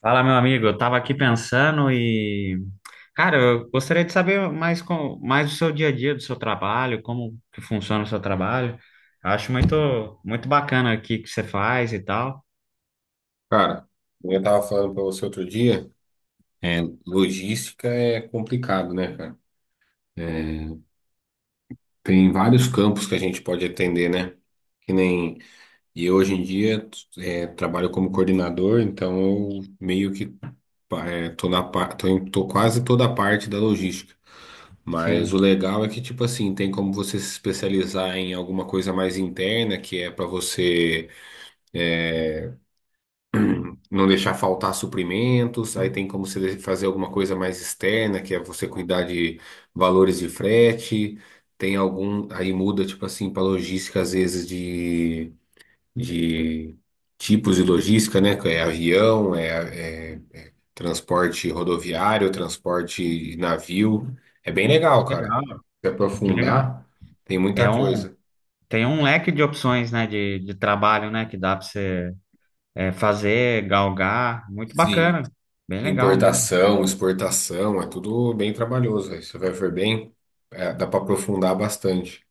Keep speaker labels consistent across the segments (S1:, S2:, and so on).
S1: Fala, meu amigo. Eu tava aqui pensando e, cara, eu gostaria de saber mais do seu dia a dia, do seu trabalho, como que funciona o seu trabalho. Eu acho muito muito bacana aqui que você faz e tal.
S2: Cara, eu tava falando pra você outro dia, é, logística é complicado, né, cara? É, tem vários campos que a gente pode atender, né? Que nem, e eu hoje em dia trabalho como coordenador, então eu meio que tô na, pa- tô, em- tô quase toda a parte da logística. Mas o
S1: Sim.
S2: legal é que, tipo assim, tem como você se especializar em alguma coisa mais interna, que é pra você não deixar faltar suprimentos. Aí tem como você fazer alguma coisa mais externa, que é você cuidar de valores de frete. Tem algum, aí muda, tipo assim, para logística, às vezes, de tipos de logística, né? que É avião, é transporte rodoviário, transporte de navio. É bem legal,
S1: Que
S2: cara.
S1: legal.
S2: Se
S1: Que legal.
S2: aprofundar, tem
S1: É
S2: muita
S1: um
S2: coisa.
S1: tem um leque de opções, né, de trabalho, né, que dá para você fazer, galgar. Muito bacana.
S2: Sim.
S1: Bem legal mesmo.
S2: Importação, exportação, é tudo bem trabalhoso. Aí você vai ver bem, dá para aprofundar bastante.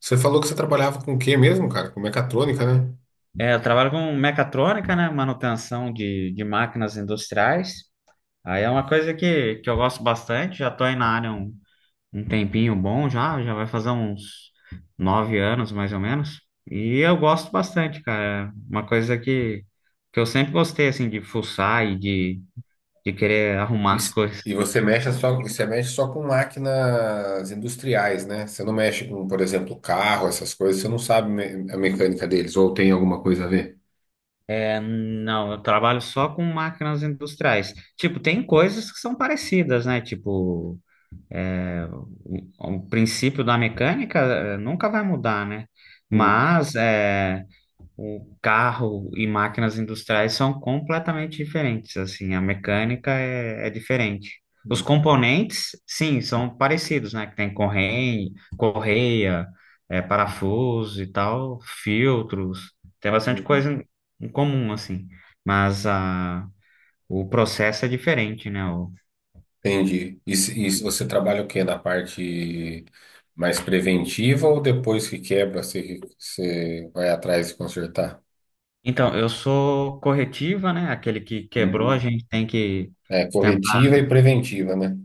S2: Você falou que você trabalhava com o quê mesmo, cara? Com mecatrônica, né?
S1: É, eu trabalho com mecatrônica, né, manutenção de máquinas industriais. Aí é uma coisa que eu gosto bastante, já tô aí na área um, um tempinho bom já vai fazer uns 9 anos mais ou menos. E eu gosto bastante, cara. É uma coisa que eu sempre gostei, assim, de fuçar e de querer arrumar
S2: E,
S1: as
S2: s-
S1: coisas.
S2: e você mexe só com máquinas industriais, né? Você não mexe com, por exemplo, carro, essas coisas, você não sabe a mecânica deles, ou tem alguma coisa a ver?
S1: É, não, eu trabalho só com máquinas industriais. Tipo, tem coisas que são parecidas, né? Tipo, é, o, o princípio da mecânica nunca vai mudar, né?
S2: Hum,
S1: Mas, o carro e máquinas industriais são completamente diferentes, assim, a mecânica é diferente. Os
S2: hum,
S1: componentes, sim, são parecidos, né? Que tem correia, correia, parafuso e tal, filtros, tem bastante
S2: hum.
S1: coisa em comum, assim, mas o processo é diferente, né?
S2: Entendi. E se você trabalha o quê? Na parte mais preventiva ou depois que quebra, você, você vai atrás de consertar?
S1: Então, eu sou corretiva, né? Aquele que quebrou, a
S2: Uhum.
S1: gente tem que.
S2: É, corretiva e preventiva, né?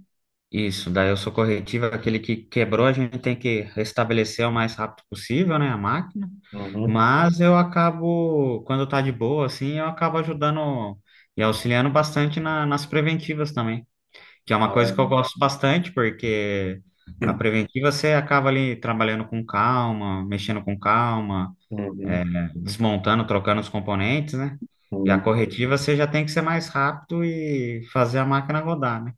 S1: Isso, daí eu sou corretivo, aquele que quebrou, a gente tem que restabelecer o mais rápido possível, né, a máquina.
S2: Uhum.
S1: Mas eu acabo, quando tá de boa, assim, eu acabo ajudando e auxiliando bastante nas preventivas também, que é uma coisa que eu
S2: É.
S1: gosto bastante, porque a preventiva você acaba ali trabalhando com calma, mexendo com calma, é,
S2: Uhum.
S1: desmontando, trocando os componentes, né? E a
S2: Uhum.
S1: corretiva você já tem que ser mais rápido e fazer a máquina rodar, né?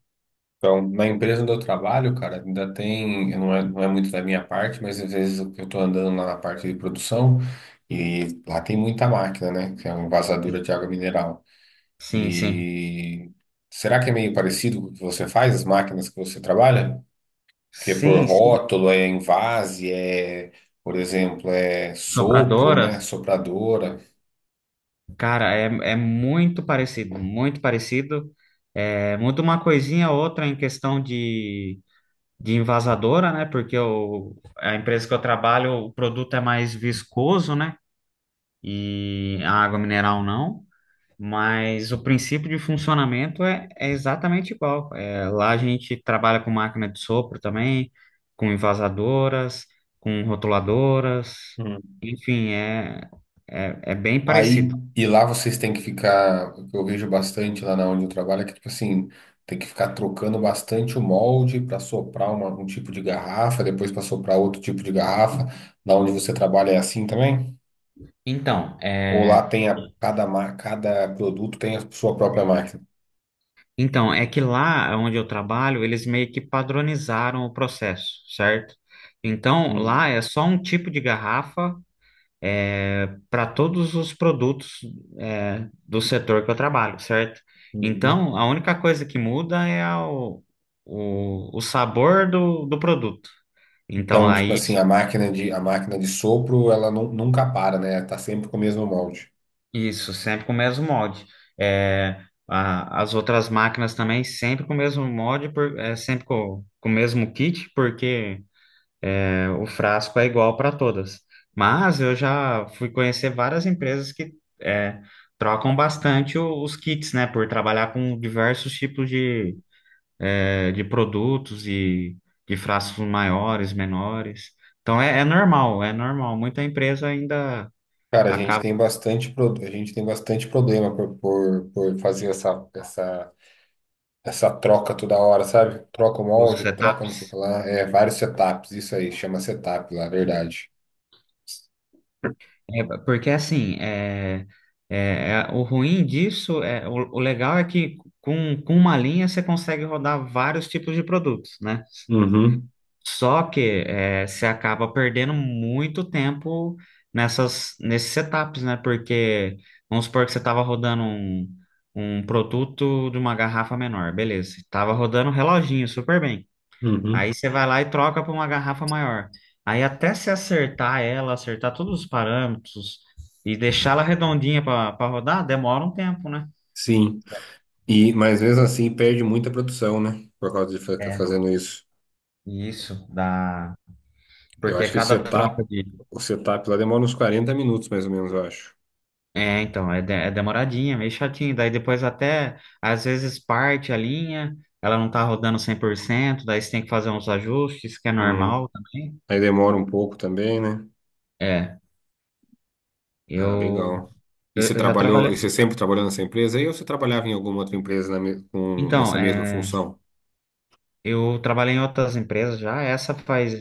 S2: Então, na empresa onde eu trabalho, cara, ainda tem, não é, não é muito da minha parte, mas às vezes eu estou andando lá na parte de produção e lá tem muita máquina, né? Que é uma envasadura de água mineral.
S1: Sim, sim.
S2: E será que é meio parecido com o que você faz, as máquinas que você trabalha? Que é por
S1: Sim, sim.
S2: rótulo, é envase, por exemplo, é sopro,
S1: Sopradoras,
S2: né? Sopradora.
S1: cara, é muito parecido, muito parecido. É, muda uma coisinha ou outra em questão de envasadora, né? Porque a empresa que eu trabalho, o produto é mais viscoso, né? E a água mineral não. Mas o princípio de funcionamento é exatamente igual. É, lá a gente trabalha com máquina de sopro também, com envasadoras, com rotuladoras,
S2: Hum.
S1: enfim, bem
S2: Aí,
S1: parecido.
S2: e lá vocês têm que ficar, o que eu vejo bastante lá na onde eu trabalho é que, tipo assim, tem que ficar trocando bastante o molde para soprar um tipo de garrafa, depois para soprar outro tipo de garrafa. Da onde você trabalha é assim também?
S1: Então,
S2: Ou
S1: é,
S2: lá tem a, cada, cada produto tem a sua própria máquina?
S1: é que lá onde eu trabalho, eles meio que padronizaram o processo, certo? Então, lá é só um tipo de garrafa para todos os produtos do setor que eu trabalho, certo?
S2: Uhum.
S1: Então, a única coisa que muda é o sabor do produto. Então,
S2: Então, tipo
S1: aí,
S2: assim, a máquina de sopro, ela nunca para, né? Tá sempre com o mesmo molde.
S1: isso, sempre com o mesmo molde. É, as outras máquinas também, sempre com o mesmo molde, sempre com o mesmo kit, porque o frasco é igual para todas. Mas eu já fui conhecer várias empresas que é, trocam bastante os kits, né? Por trabalhar com diversos tipos de produtos e de frascos maiores, menores. Então é, é normal, é normal. Muita empresa ainda
S2: Cara, a gente
S1: acaba
S2: tem bastante, a gente tem bastante problema por fazer essa troca toda hora, sabe? Troca o
S1: com os
S2: molde, troca não
S1: setups.
S2: sei o que lá. É, vários setups, isso aí, chama setup lá, verdade.
S1: Porque assim, o ruim disso, o legal é que com uma linha você consegue rodar vários tipos de produtos, né?
S2: Uhum,
S1: Só que você acaba perdendo muito tempo nesses setups, né? Porque vamos supor que você estava rodando um produto de uma garrafa menor, beleza. Estava rodando um reloginho super bem.
S2: uhum.
S1: Aí você vai lá e troca para uma garrafa maior. Aí até se acertar ela, acertar todos os parâmetros e deixar ela redondinha para rodar, demora um tempo, né?
S2: Sim. E, mas mesmo assim, perde muita produção, né? Por causa de ficar
S1: É.
S2: fazendo isso.
S1: Isso, dá.
S2: Eu
S1: Porque
S2: acho que
S1: cada troca de.
S2: o setup lá demora uns 40 minutos, mais ou menos, eu acho.
S1: É, então, é demoradinha, meio chatinho. Daí depois até, às vezes, parte a linha, ela não tá rodando 100%. Daí você tem que fazer uns ajustes, que é
S2: Uhum.
S1: normal também.
S2: Aí demora um pouco também, né?
S1: É,
S2: Ah,
S1: eu,
S2: legal.
S1: eu, eu já
S2: E
S1: trabalhei.
S2: você sempre trabalhou nessa empresa aí ou você trabalhava em alguma outra empresa
S1: Então,
S2: nessa mesma função?
S1: eu trabalhei em outras empresas já, essa faz.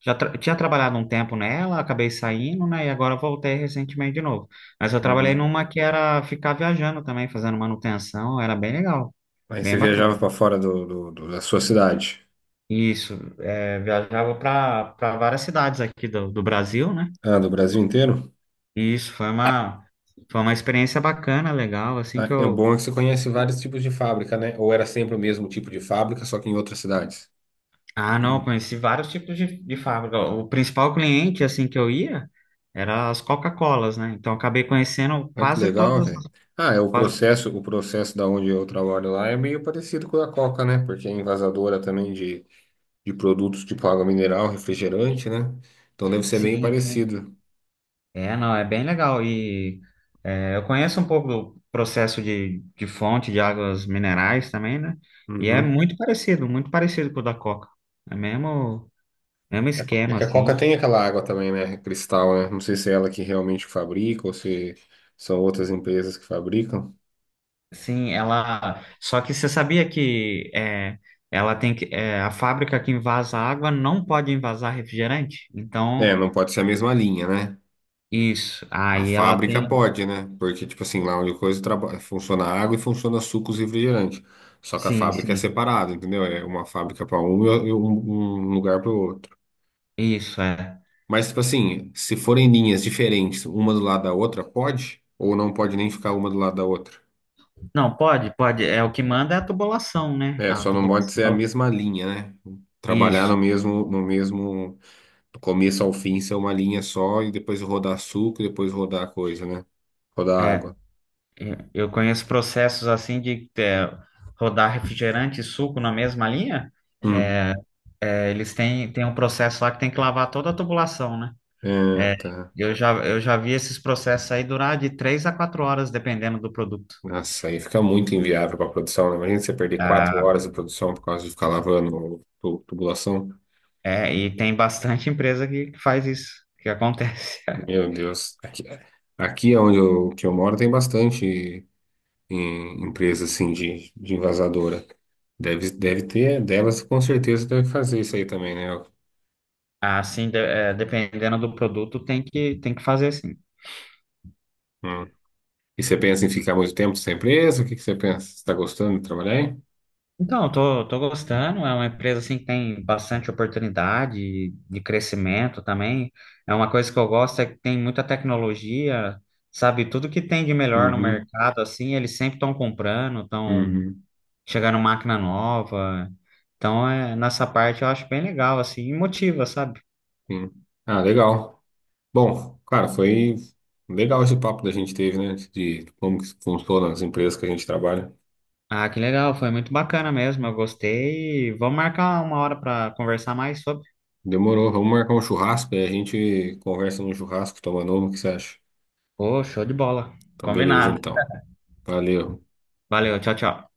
S1: Já tinha trabalhado um tempo nela, acabei saindo, né? E agora voltei recentemente de novo. Mas eu trabalhei
S2: Uhum.
S1: numa que era ficar viajando também, fazendo manutenção, era bem legal,
S2: Aí você
S1: bem bacana.
S2: viajava para fora da sua cidade?
S1: Isso, é, viajava para várias cidades aqui do, do Brasil, né?
S2: Ah, do Brasil inteiro?
S1: E isso foi uma experiência bacana, legal, assim que
S2: Ah, é o
S1: eu.
S2: bom é que você conhece vários tipos de fábrica, né? Ou era sempre o mesmo tipo de fábrica, só que em outras cidades?
S1: Ah, não, eu conheci vários tipos de fábrica. O principal cliente assim que eu ia era as Coca-Colas, né? Então eu acabei conhecendo
S2: Ah, que
S1: quase
S2: legal,
S1: todas,
S2: velho. Ah, é
S1: quase.
S2: o processo da onde eu trabalho lá é meio parecido com o da Coca, né? Porque é envasadora também de produtos tipo água mineral, refrigerante, né? Então deve ser bem
S1: Sim. Sim.
S2: parecido.
S1: É, não, é bem legal e eu conheço um pouco do processo de fonte de águas minerais também, né? E é
S2: Uhum.
S1: muito parecido com o da Coca. É mesmo. É um
S2: É
S1: esquema,
S2: que a Coca
S1: assim.
S2: tem aquela água também, né? Cristal, né? Não sei se é ela que realmente fabrica ou se são outras empresas que fabricam.
S1: Sim, ela. Só que você sabia que ela tem que. A fábrica que invasa água não pode invasar refrigerante?
S2: É,
S1: Então,
S2: não pode ser a mesma linha, né?
S1: isso.
S2: A
S1: Aí ela
S2: fábrica
S1: tem.
S2: pode, né? Porque, tipo assim, lá onde coisa funciona água e funciona sucos e refrigerante. Só que a
S1: Sim,
S2: fábrica é
S1: sim.
S2: separada, entendeu? É uma fábrica para um e um lugar para o outro.
S1: Isso, é.
S2: Mas, tipo assim, se forem linhas diferentes, uma do lado da outra, pode? Ou não pode nem ficar uma do lado da outra?
S1: Não, pode, pode. É o que manda é a tubulação, né?
S2: É,
S1: A
S2: só não pode ser a
S1: tubulação.
S2: mesma linha, né? Trabalhar
S1: Isso,
S2: no mesmo, do começo ao fim, ser uma linha só e depois rodar suco, e depois rodar coisa, né? Rodar
S1: é.
S2: água.
S1: Eu conheço processos assim de rodar refrigerante e suco na mesma linha.
S2: Hum.
S1: É, é, eles têm um processo lá que tem que lavar toda a tubulação, né?
S2: É,
S1: É,
S2: tá.
S1: eu já vi esses processos aí durar de 3 a 4 horas, dependendo do produto.
S2: Nossa, aí fica muito inviável para produção, né? Imagina você perder quatro
S1: Ah,
S2: horas de produção por causa de ficar lavando tubulação.
S1: é, e tem bastante empresa que faz isso, que acontece.
S2: Meu Deus. Aqui é onde eu, que eu moro tem bastante em empresa assim de envasadora. Deve, deve ter, delas com certeza deve fazer isso aí também, né?
S1: Assim, é, dependendo do produto, tem que fazer assim.
S2: Hum. E você pensa em ficar muito tempo sem empresa? O que que você pensa? Você está gostando de trabalhar aí?
S1: Então, eu tô gostando, é uma empresa assim que tem bastante oportunidade de crescimento também. É uma coisa que eu gosto é que tem muita tecnologia, sabe? Tudo que tem de melhor no
S2: Uhum,
S1: mercado, assim, eles sempre estão comprando, estão
S2: uhum,
S1: chegar numa máquina nova. Então, é, nessa parte eu acho bem legal, assim, e motiva, sabe?
S2: sim. Ah, legal. Bom, cara, foi legal esse papo que a gente teve, né? De como que funciona as empresas que a gente trabalha.
S1: Ah, que legal, foi muito bacana mesmo, eu gostei. Vamos marcar uma hora para conversar mais sobre.
S2: Demorou, vamos marcar um churrasco e a gente conversa no churrasco, tomando uma, o que você acha?
S1: Ô, show de bola.
S2: Então, beleza,
S1: Combinado.
S2: então. Valeu.
S1: Valeu, tchau, tchau.